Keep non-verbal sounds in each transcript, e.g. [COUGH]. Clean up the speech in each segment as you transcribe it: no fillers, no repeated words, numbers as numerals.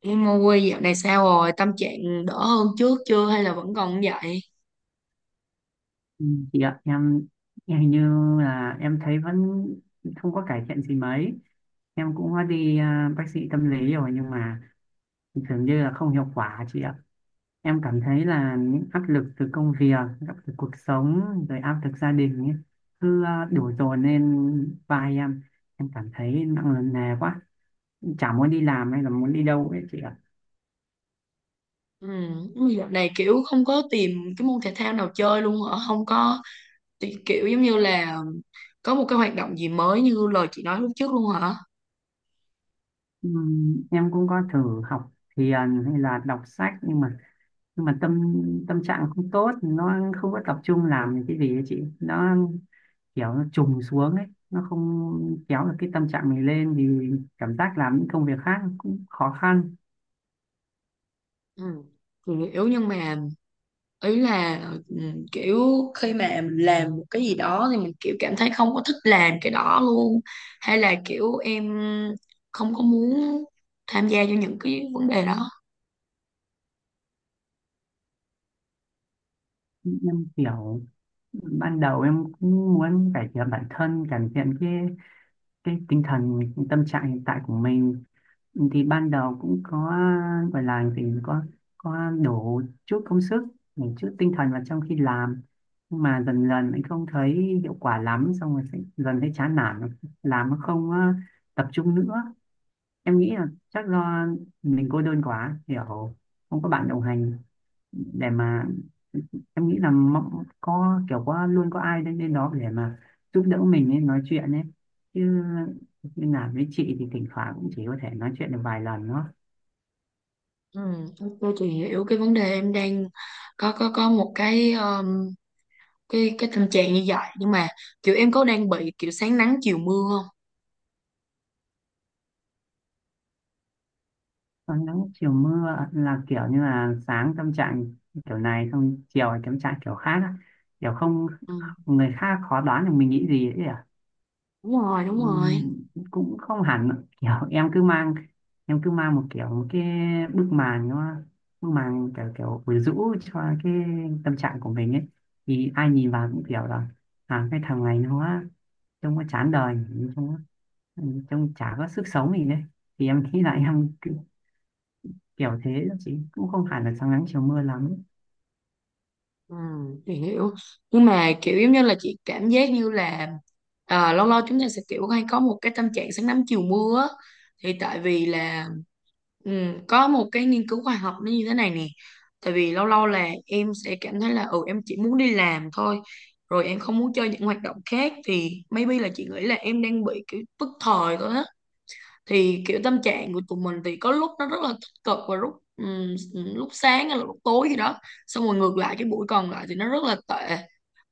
Em mua dạo này sao rồi? Tâm trạng đỡ hơn trước chưa hay là vẫn còn như vậy? Ừ, chị ạ, em hình như là em thấy vẫn không có cải thiện gì mấy. Em cũng đã đi bác sĩ tâm lý rồi nhưng mà dường như là không hiệu quả chị ạ. Em cảm thấy là những áp lực từ công việc, áp lực cuộc sống, rồi áp lực gia đình ấy, cứ đổ dồn lên vai em. Em cảm thấy nặng nề quá, chả muốn đi làm hay là muốn đi đâu ấy chị ạ. Ừ, dạo này không có tìm cái môn thể thao nào chơi luôn hả? Không có thì kiểu giống như là có một cái hoạt động gì mới như lời chị nói lúc trước luôn hả? Em cũng có thử học thiền hay là đọc sách, nhưng mà tâm tâm trạng không tốt, nó không có tập trung làm cái gì ấy chị, nó kiểu nó trùng xuống ấy, nó không kéo được cái tâm trạng mình lên thì cảm giác làm những công việc khác cũng khó khăn. Ừ. thì Kiểu nhưng mà ý là ừ, kiểu khi mà mình làm một cái gì đó thì mình kiểu cảm thấy không có thích làm cái đó luôn, hay là kiểu em không có muốn tham gia cho những cái vấn đề đó. Em kiểu ban đầu em cũng muốn cải thiện bản thân, cải thiện cái tinh thần, cái tâm trạng hiện tại của mình, thì ban đầu cũng có gọi là gì, có đổ chút công sức, một chút tinh thần vào trong khi làm, nhưng mà dần dần anh không thấy hiệu quả lắm, xong rồi sẽ dần thấy chán nản, làm nó không tập trung nữa. Em nghĩ là chắc do mình cô đơn quá, hiểu không có bạn đồng hành để mà, em nghĩ là có kiểu có luôn có ai đến đến đó để mà giúp đỡ mình ấy, nói chuyện ấy chứ, như làm với chị thì thỉnh thoảng cũng chỉ có thể nói chuyện được vài lần thôi. Ừ, ok, chị hiểu cái vấn đề em đang có một cái cái tình trạng như vậy, nhưng mà kiểu em có đang bị kiểu sáng nắng chiều mưa không? Còn nắng chiều mưa là kiểu như là sáng tâm trạng kiểu này xong chiều là tâm trạng kiểu khác á, kiểu không, Ừ, người khác khó đoán được mình nghĩ gì ấy. đúng rồi, đúng rồi. Ừm, cũng không hẳn ạ. Kiểu em cứ mang, một kiểu một cái bức màn, kiểu kiểu quyến rũ cho cái tâm trạng của mình ấy, thì ai nhìn vào cũng kiểu là cái thằng này nó, trông nó chán đời, trông nó- trông chả có sức sống gì đấy, thì em nghĩ là kiểu thế đó chị, cũng không hẳn là sáng nắng chiều mưa lắm. Ừ, thì hiểu, nhưng mà kiểu giống như là chị cảm giác như là à, lâu lâu chúng ta sẽ kiểu hay có một cái tâm trạng sáng nắng chiều mưa á. Thì tại vì là ừ, có một cái nghiên cứu khoa học nó như thế này nè. Tại vì lâu lâu là em sẽ cảm thấy là ừ em chỉ muốn đi làm thôi, rồi em không muốn chơi những hoạt động khác, thì maybe là chị nghĩ là em đang bị kiểu tức thời thôi á. Thì kiểu tâm trạng của tụi mình thì có lúc nó rất là tích cực, và lúc lúc sáng hay là lúc tối gì đó, xong rồi ngược lại cái buổi còn lại thì nó rất là tệ.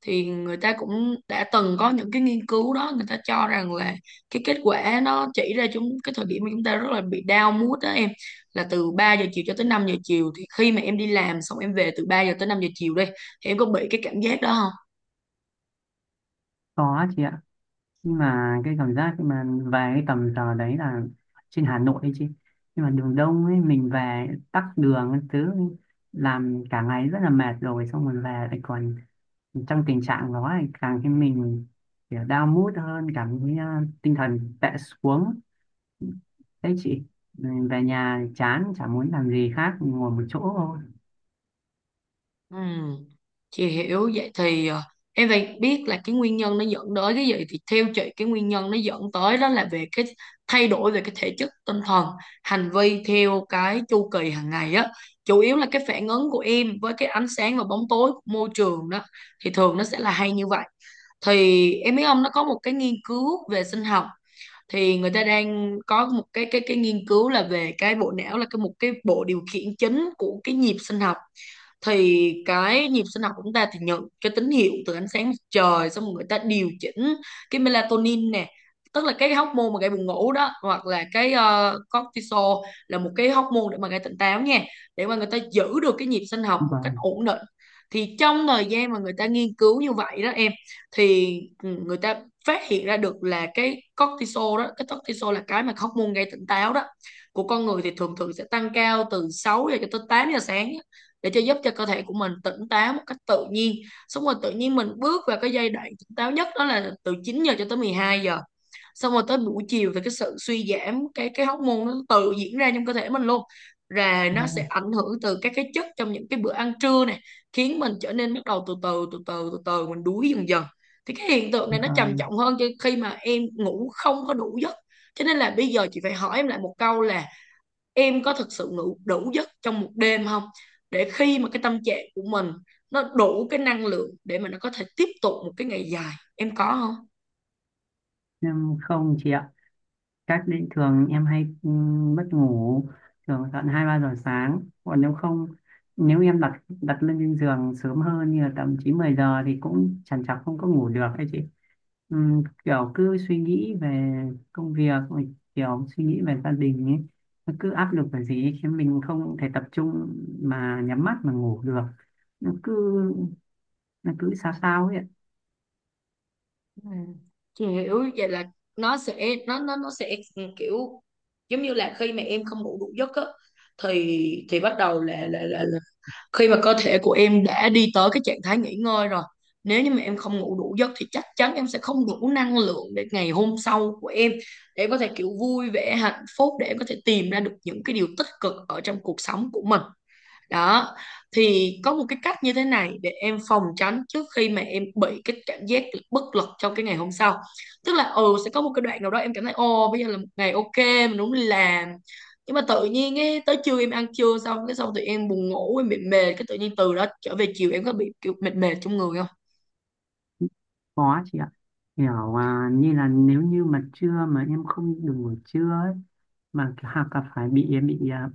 Thì người ta cũng đã từng có những cái nghiên cứu đó, người ta cho rằng là cái kết quả nó chỉ ra chúng cái thời điểm mà chúng ta rất là bị down mood đó em là từ 3 giờ chiều cho tới 5 giờ chiều. Thì khi mà em đi làm xong em về từ 3 giờ tới 5 giờ chiều đi, thì em có bị cái cảm giác đó không? Có chị ạ, nhưng mà cái cảm giác khi mà về cái tầm giờ đấy là, trên Hà Nội ấy chứ, nhưng mà đường đông ấy, mình về tắc đường các thứ, làm cả ngày rất là mệt rồi, xong rồi về lại còn trong tình trạng đó thì càng khiến mình kiểu down mood hơn, cảm thấy tinh thần tệ xuống đấy chị. Ừ, về nhà chán chả muốn làm gì khác, ngồi một chỗ thôi. Ừm, chị hiểu vậy thì em phải biết là cái nguyên nhân nó dẫn tới cái gì. Thì theo chị, cái nguyên nhân nó dẫn tới đó là về cái thay đổi về cái thể chất, tinh thần, hành vi theo cái chu kỳ hàng ngày á, chủ yếu là cái phản ứng của em với cái ánh sáng và bóng tối của môi trường đó, thì thường nó sẽ là hay như vậy. Thì em biết ông nó có một cái nghiên cứu về sinh học, thì người ta đang có một cái cái nghiên cứu là về cái bộ não, là cái một cái bộ điều khiển chính của cái nhịp sinh học. Thì cái nhịp sinh học của chúng ta thì nhận cái tín hiệu từ ánh sáng mặt trời, xong rồi người ta điều chỉnh cái melatonin nè, tức là cái hormone mà gây buồn ngủ đó, hoặc là cái cortisol, là một cái hormone để mà gây tỉnh táo nha, để mà người ta giữ được cái nhịp sinh học một cách Vâng ổn định. Thì trong thời gian mà người ta nghiên cứu như vậy đó em, thì ừ, người ta phát hiện ra được là cái cortisol đó, cái cortisol là cái mà hormone gây tỉnh táo đó, của con người thì thường thường sẽ tăng cao từ 6 giờ cho tới 8 giờ sáng á, để cho giúp cho cơ thể của mình tỉnh táo một cách tự nhiên. Xong rồi tự nhiên mình bước vào cái giai đoạn tỉnh táo nhất đó là từ 9 giờ cho tới 12 giờ. Xong rồi tới buổi chiều thì cái sự suy giảm cái hóc môn nó tự diễn ra trong cơ thể mình luôn, rồi nó sẽ vâng ảnh hưởng từ các cái chất trong những cái bữa ăn trưa này, khiến mình trở nên bắt đầu từ từ từ từ từ từ mình đuối dần dần. Thì cái hiện tượng này nó trầm vâng trọng hơn cho khi mà em ngủ không có đủ giấc. Cho nên là bây giờ chị phải hỏi em lại một câu là em có thực sự ngủ đủ giấc trong một đêm không, để khi mà cái tâm trạng của mình nó đủ cái năng lượng để mà nó có thể tiếp tục một cái ngày dài, em có không? Nhưng không chị ạ. Cách đấy thường em hay mất ngủ, thường tận 2, 3 giờ sáng, còn nếu không, nếu em đặt đặt lên trên giường sớm hơn như là tầm 9, 10 giờ thì cũng chẳng chọc không có ngủ được ấy chị. Kiểu cứ suy nghĩ về công việc, rồi kiểu suy nghĩ về gia đình ấy, nó cứ áp lực về gì ấy, khiến mình không thể tập trung mà nhắm mắt mà ngủ được, nó cứ nó cứ sao sao ấy ạ. Ừ. Chị hiểu vậy là nó sẽ kiểu giống như là khi mà em không ngủ đủ giấc á, thì bắt đầu là khi mà cơ thể của em đã đi tới cái trạng thái nghỉ ngơi rồi, nếu như mà em không ngủ đủ giấc thì chắc chắn em sẽ không đủ năng lượng để ngày hôm sau của em, để em có thể kiểu vui vẻ hạnh phúc, để em có thể tìm ra được những cái điều tích cực ở trong cuộc sống của mình đó. Thì có một cái cách như thế này để em phòng tránh trước khi mà em bị cái cảm giác bất lực trong cái ngày hôm sau, tức là ừ sẽ có một cái đoạn nào đó em cảm thấy ồ bây giờ là một ngày ok, mình đúng làm, nhưng mà tự nhiên ấy, tới trưa em ăn trưa xong cái xong tụi em buồn ngủ, em bị mệt, cái tự nhiên từ đó trở về chiều em có bị kiểu mệt mệt trong người không? Có chị ạ. Kiểu như là nếu như mà trưa mà em không được ngủ trưa ấy, mà hoặc là phải bị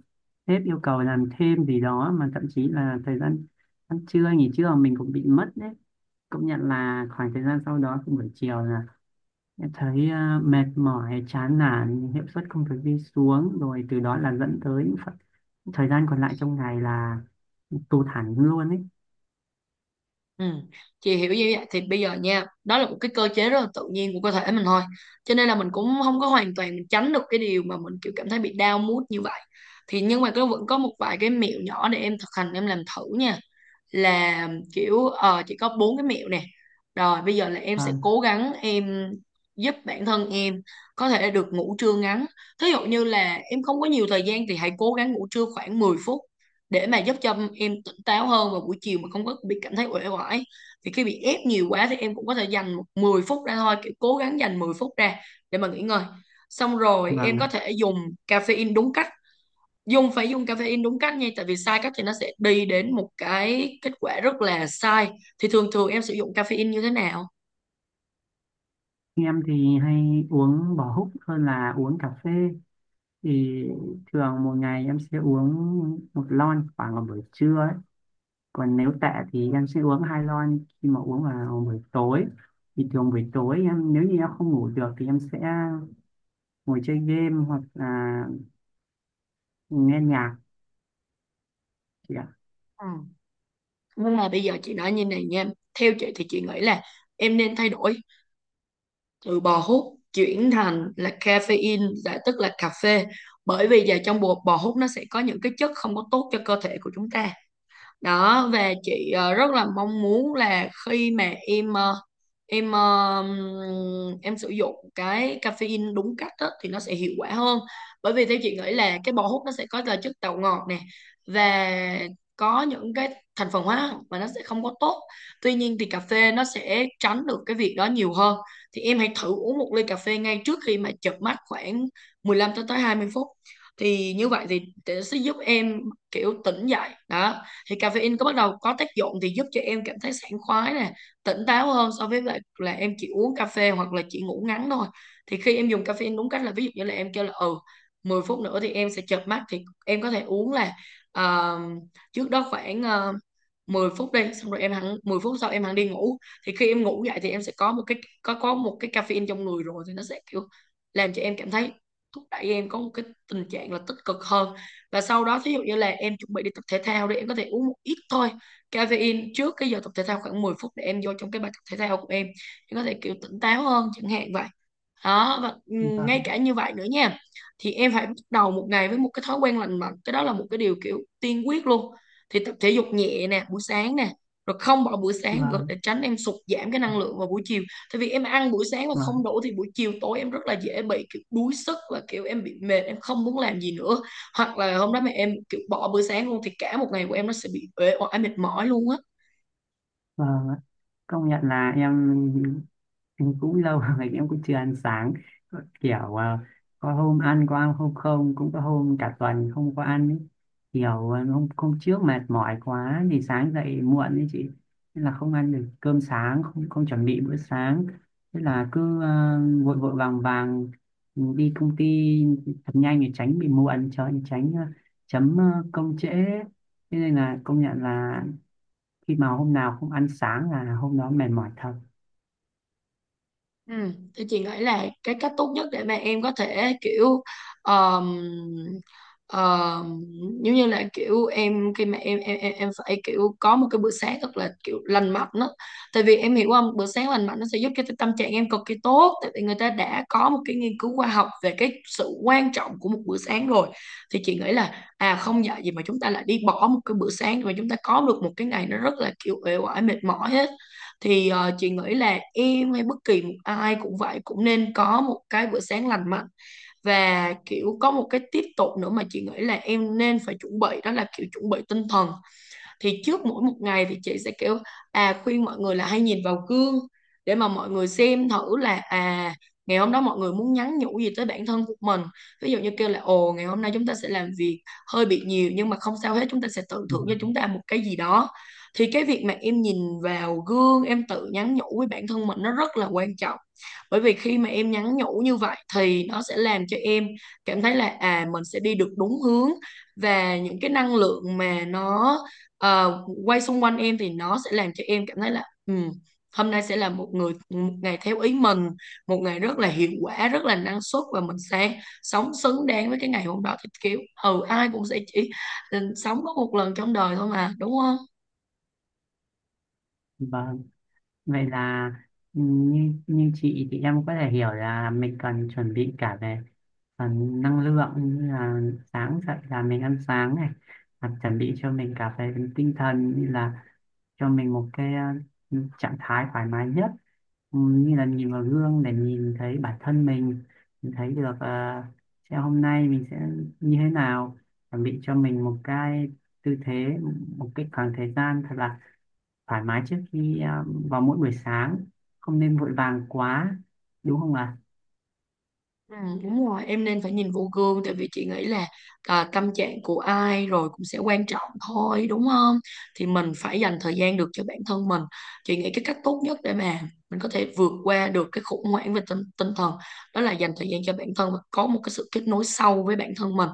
sếp yêu cầu làm thêm gì đó, mà thậm chí là thời gian ăn trưa nghỉ trưa mình cũng bị mất đấy. Công nhận là khoảng thời gian sau đó thì buổi chiều là em thấy mệt mỏi, chán nản, hiệu suất công việc đi xuống, rồi từ đó là dẫn tới những thời gian còn lại trong ngày là tụt hẳn luôn ấy. Ừ. Chị hiểu như vậy thì bây giờ nha, đó là một cái cơ chế rất là tự nhiên của cơ thể mình thôi, cho nên là mình cũng không có hoàn toàn mình tránh được cái điều mà mình kiểu cảm thấy bị down mood như vậy. Thì nhưng mà có vẫn có một vài cái mẹo nhỏ để em thực hành em làm thử nha, là kiểu ờ, chị có bốn cái mẹo nè. Rồi bây giờ là em sẽ Vâng, cố gắng em giúp bản thân em có thể được ngủ trưa ngắn. Thí dụ như là em không có nhiều thời gian thì hãy cố gắng ngủ trưa khoảng 10 phút để mà giúp cho em tỉnh táo hơn vào buổi chiều mà không có bị cảm thấy uể oải. Thì khi bị ép nhiều quá thì em cũng có thể dành một 10 phút ra thôi, kiểu cố gắng dành 10 phút ra để mà nghỉ ngơi. Xong rồi vâng em có ạ. thể dùng caffeine đúng cách, phải dùng caffeine đúng cách nha, tại vì sai cách thì nó sẽ đi đến một cái kết quả rất là sai. Thì thường thường em sử dụng caffeine như thế nào? Em thì hay uống bò húc hơn là uống cà phê. Thì thường một ngày em sẽ uống một lon, khoảng vào buổi trưa ấy. Còn nếu tệ thì em sẽ uống hai lon, khi mà uống vào buổi tối. Thì thường buổi tối em, nếu như em không ngủ được thì em sẽ ngồi chơi game hoặc là nghe nhạc chị ạ. Ừ. Nhưng mà bây giờ chị nói như này nha, theo chị thì chị nghĩ là em nên thay đổi từ bò hút chuyển thành là caffeine, là tức là cà phê, bởi vì giờ trong bột bò hút nó sẽ có những cái chất không có tốt cho cơ thể của chúng ta đó. Và chị rất là mong muốn là khi mà em em sử dụng cái caffeine đúng cách á, thì nó sẽ hiệu quả hơn, bởi vì theo chị nghĩ là cái bò hút nó sẽ có là chất tạo ngọt nè, và có những cái thành phần hóa học mà nó sẽ không có tốt. Tuy nhiên thì cà phê nó sẽ tránh được cái việc đó nhiều hơn. Thì em hãy thử uống một ly cà phê ngay trước khi mà chợp mắt khoảng 15 tới tới 20 phút, thì như vậy thì nó sẽ giúp em kiểu tỉnh dậy đó. Thì caffeine có bắt đầu có tác dụng thì giúp cho em cảm thấy sảng khoái nè, tỉnh táo hơn so với lại là em chỉ uống cà phê hoặc là chỉ ngủ ngắn thôi. Thì khi em dùng caffeine đúng cách là ví dụ như là em kêu là ừ 10 phút nữa thì em sẽ chợp mắt, thì em có thể uống là ờ, trước đó khoảng 10 phút đi, xong rồi em hẳn 10 phút sau em hẳn đi ngủ. Thì khi em ngủ dậy thì em sẽ có một cái có một cái caffeine trong người rồi, thì nó sẽ kiểu làm cho em cảm thấy, thúc đẩy em có một cái tình trạng là tích cực hơn. Và sau đó thí dụ như là em chuẩn bị đi tập thể thao đi, em có thể uống một ít thôi caffeine trước cái giờ tập thể thao khoảng 10 phút, để em vô trong cái bài tập thể thao của em có thể kiểu tỉnh táo hơn chẳng hạn vậy đó. Và ừ, ngay Vâng, cả như vậy nữa nha, thì em phải bắt đầu một ngày với một cái thói quen lành mạnh, cái đó là một cái điều kiểu tiên quyết luôn. Thì tập thể dục nhẹ nè buổi sáng nè, rồi không bỏ buổi sáng rồi vâng, để tránh em sụt giảm cái năng lượng vào buổi chiều. Tại vì em ăn buổi sáng mà không vâng, đủ thì buổi chiều tối em rất là dễ bị kiểu đuối sức và kiểu em bị mệt, em không muốn làm gì nữa. Hoặc là hôm đó mà em kiểu bỏ bữa sáng luôn thì cả một ngày của em nó sẽ bị uể oải mệt mỏi luôn á. vâng ạ. Công nhận là em cũng lâu rồi [LAUGHS] em cũng chưa ăn sáng. Có kiểu có ăn hôm không, cũng có hôm cả tuần không có ăn ấy. Kiểu hôm hôm trước mệt mỏi quá thì sáng dậy muộn ấy chị, nên là không ăn được cơm sáng, không không chuẩn bị bữa sáng, thế là cứ vội vội vàng vàng đi công ty thật nhanh để tránh bị muộn, cho tránh chấm công trễ, thế nên là công nhận là khi mà hôm nào không ăn sáng là hôm đó mệt mỏi thật. Ừ, thì chị nghĩ là cái cách tốt nhất để mà em có thể kiểu um, um, giống như là kiểu em, khi mà em phải kiểu có một cái bữa sáng thật là kiểu lành mạnh đó. Tại vì em hiểu không, bữa sáng lành mạnh nó sẽ giúp cho cái tâm trạng em cực kỳ tốt. Tại vì người ta đã có một cái nghiên cứu khoa học về cái sự quan trọng của một bữa sáng rồi. Thì chị nghĩ là à, không dạy gì mà chúng ta lại đi bỏ một cái bữa sáng mà chúng ta có được một cái ngày nó rất là kiểu uể oải mệt mỏi hết. Thì chị nghĩ là em hay bất kỳ một ai cũng vậy, cũng nên có một cái bữa sáng lành mạnh. Và kiểu có một cái tiếp tục nữa mà chị nghĩ là em nên phải chuẩn bị, đó là kiểu chuẩn bị tinh thần. Thì trước mỗi một ngày thì chị sẽ kiểu à, khuyên mọi người là hay nhìn vào gương để mà mọi người xem thử là à, ngày hôm đó mọi người muốn nhắn nhủ gì tới bản thân của mình. Ví dụ như kêu là ồ, ngày hôm nay chúng ta sẽ làm việc hơi bị nhiều nhưng mà không sao hết, chúng ta sẽ tự thưởng cho chúng Vâng. ta một cái gì đó. Thì cái việc mà em nhìn vào gương, em tự nhắn nhủ với bản thân mình nó rất là quan trọng. Bởi vì khi mà em nhắn nhủ như vậy thì nó sẽ làm cho em cảm thấy là à, mình sẽ đi được đúng hướng. Và những cái năng lượng mà nó quay xung quanh em thì nó sẽ làm cho em cảm thấy là ừ, hôm nay sẽ là một người, một ngày theo ý mình, một ngày rất là hiệu quả, rất là năng suất, và mình sẽ sống xứng đáng với cái ngày hôm đó. Thì kiểu ừ, ai cũng sẽ chỉ ừ, sống có một lần trong đời thôi mà, đúng không? Vâng. Vậy là như như chị, thì em có thể hiểu là mình cần chuẩn bị cả về phần năng lượng, như là sáng dậy là mình ăn sáng này, và chuẩn bị cho mình cả về tinh thần, như là cho mình một cái trạng thái thoải mái nhất. Ừ, như là nhìn vào gương để nhìn thấy bản thân mình thấy được sẽ hôm nay mình sẽ như thế nào, chuẩn bị cho mình một cái tư thế, một cái khoảng thời gian thật là thoải mái trước khi vào mỗi buổi sáng, không nên vội vàng quá đúng không ạ? Ừ, đúng rồi, em nên phải nhìn vô gương. Tại vì chị nghĩ là à, tâm trạng của ai rồi cũng sẽ quan trọng thôi, đúng không? Thì mình phải dành thời gian được cho bản thân mình. Chị nghĩ cái cách tốt nhất để mà mình có thể vượt qua được cái khủng hoảng về tinh thần, đó là dành thời gian cho bản thân và có một cái sự kết nối sâu với bản thân mình.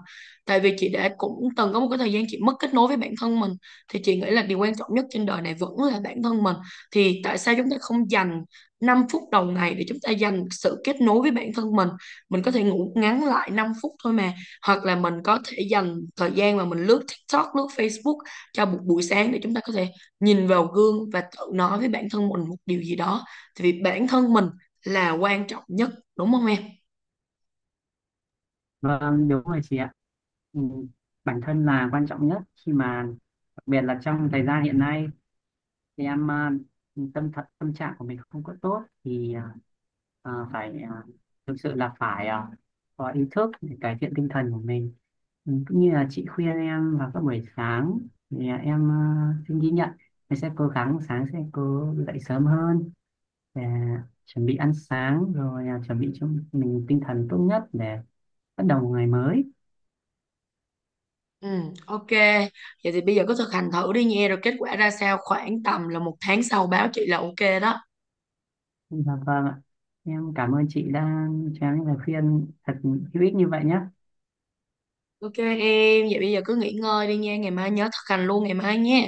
Tại vì chị đã cũng từng có một cái thời gian chị mất kết nối với bản thân mình. Thì chị nghĩ là điều quan trọng nhất trên đời này vẫn là bản thân mình. Thì tại sao chúng ta không dành 5 phút đầu ngày để chúng ta dành sự kết nối với bản thân mình? Mình có thể ngủ ngắn lại 5 phút thôi mà, hoặc là mình có thể dành thời gian mà mình lướt TikTok, lướt Facebook cho một buổi sáng, để chúng ta có thể nhìn vào gương và tự nói với bản thân mình một điều gì đó. Thì vì bản thân mình là quan trọng nhất, đúng không em? Vâng, đúng rồi chị ạ. Ừ, bản thân là quan trọng nhất, khi mà đặc biệt là trong thời gian hiện nay, thì em thật tâm trạng của mình không có tốt, thì phải thực sự là phải có ý thức để cải thiện tinh thần của mình. Ừ, cũng như là chị khuyên em vào các buổi sáng, thì em xin ghi nhận, em sẽ cố gắng sáng sẽ cố dậy sớm hơn để chuẩn bị ăn sáng, rồi chuẩn bị cho mình tinh thần tốt nhất để bắt đầu một ngày mới. Ừ, ok, vậy thì bây giờ cứ thực hành thử đi nha, rồi kết quả ra sao khoảng tầm là một tháng sau báo chị là ok đó. Dạ vâng ạ, em cảm ơn chị đã cho em những lời khuyên thật hữu ích như vậy nhé. Ok em, vậy bây giờ cứ nghỉ ngơi đi nha, ngày mai nhớ thực hành luôn ngày mai nha.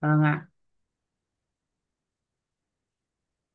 Vâng ạ.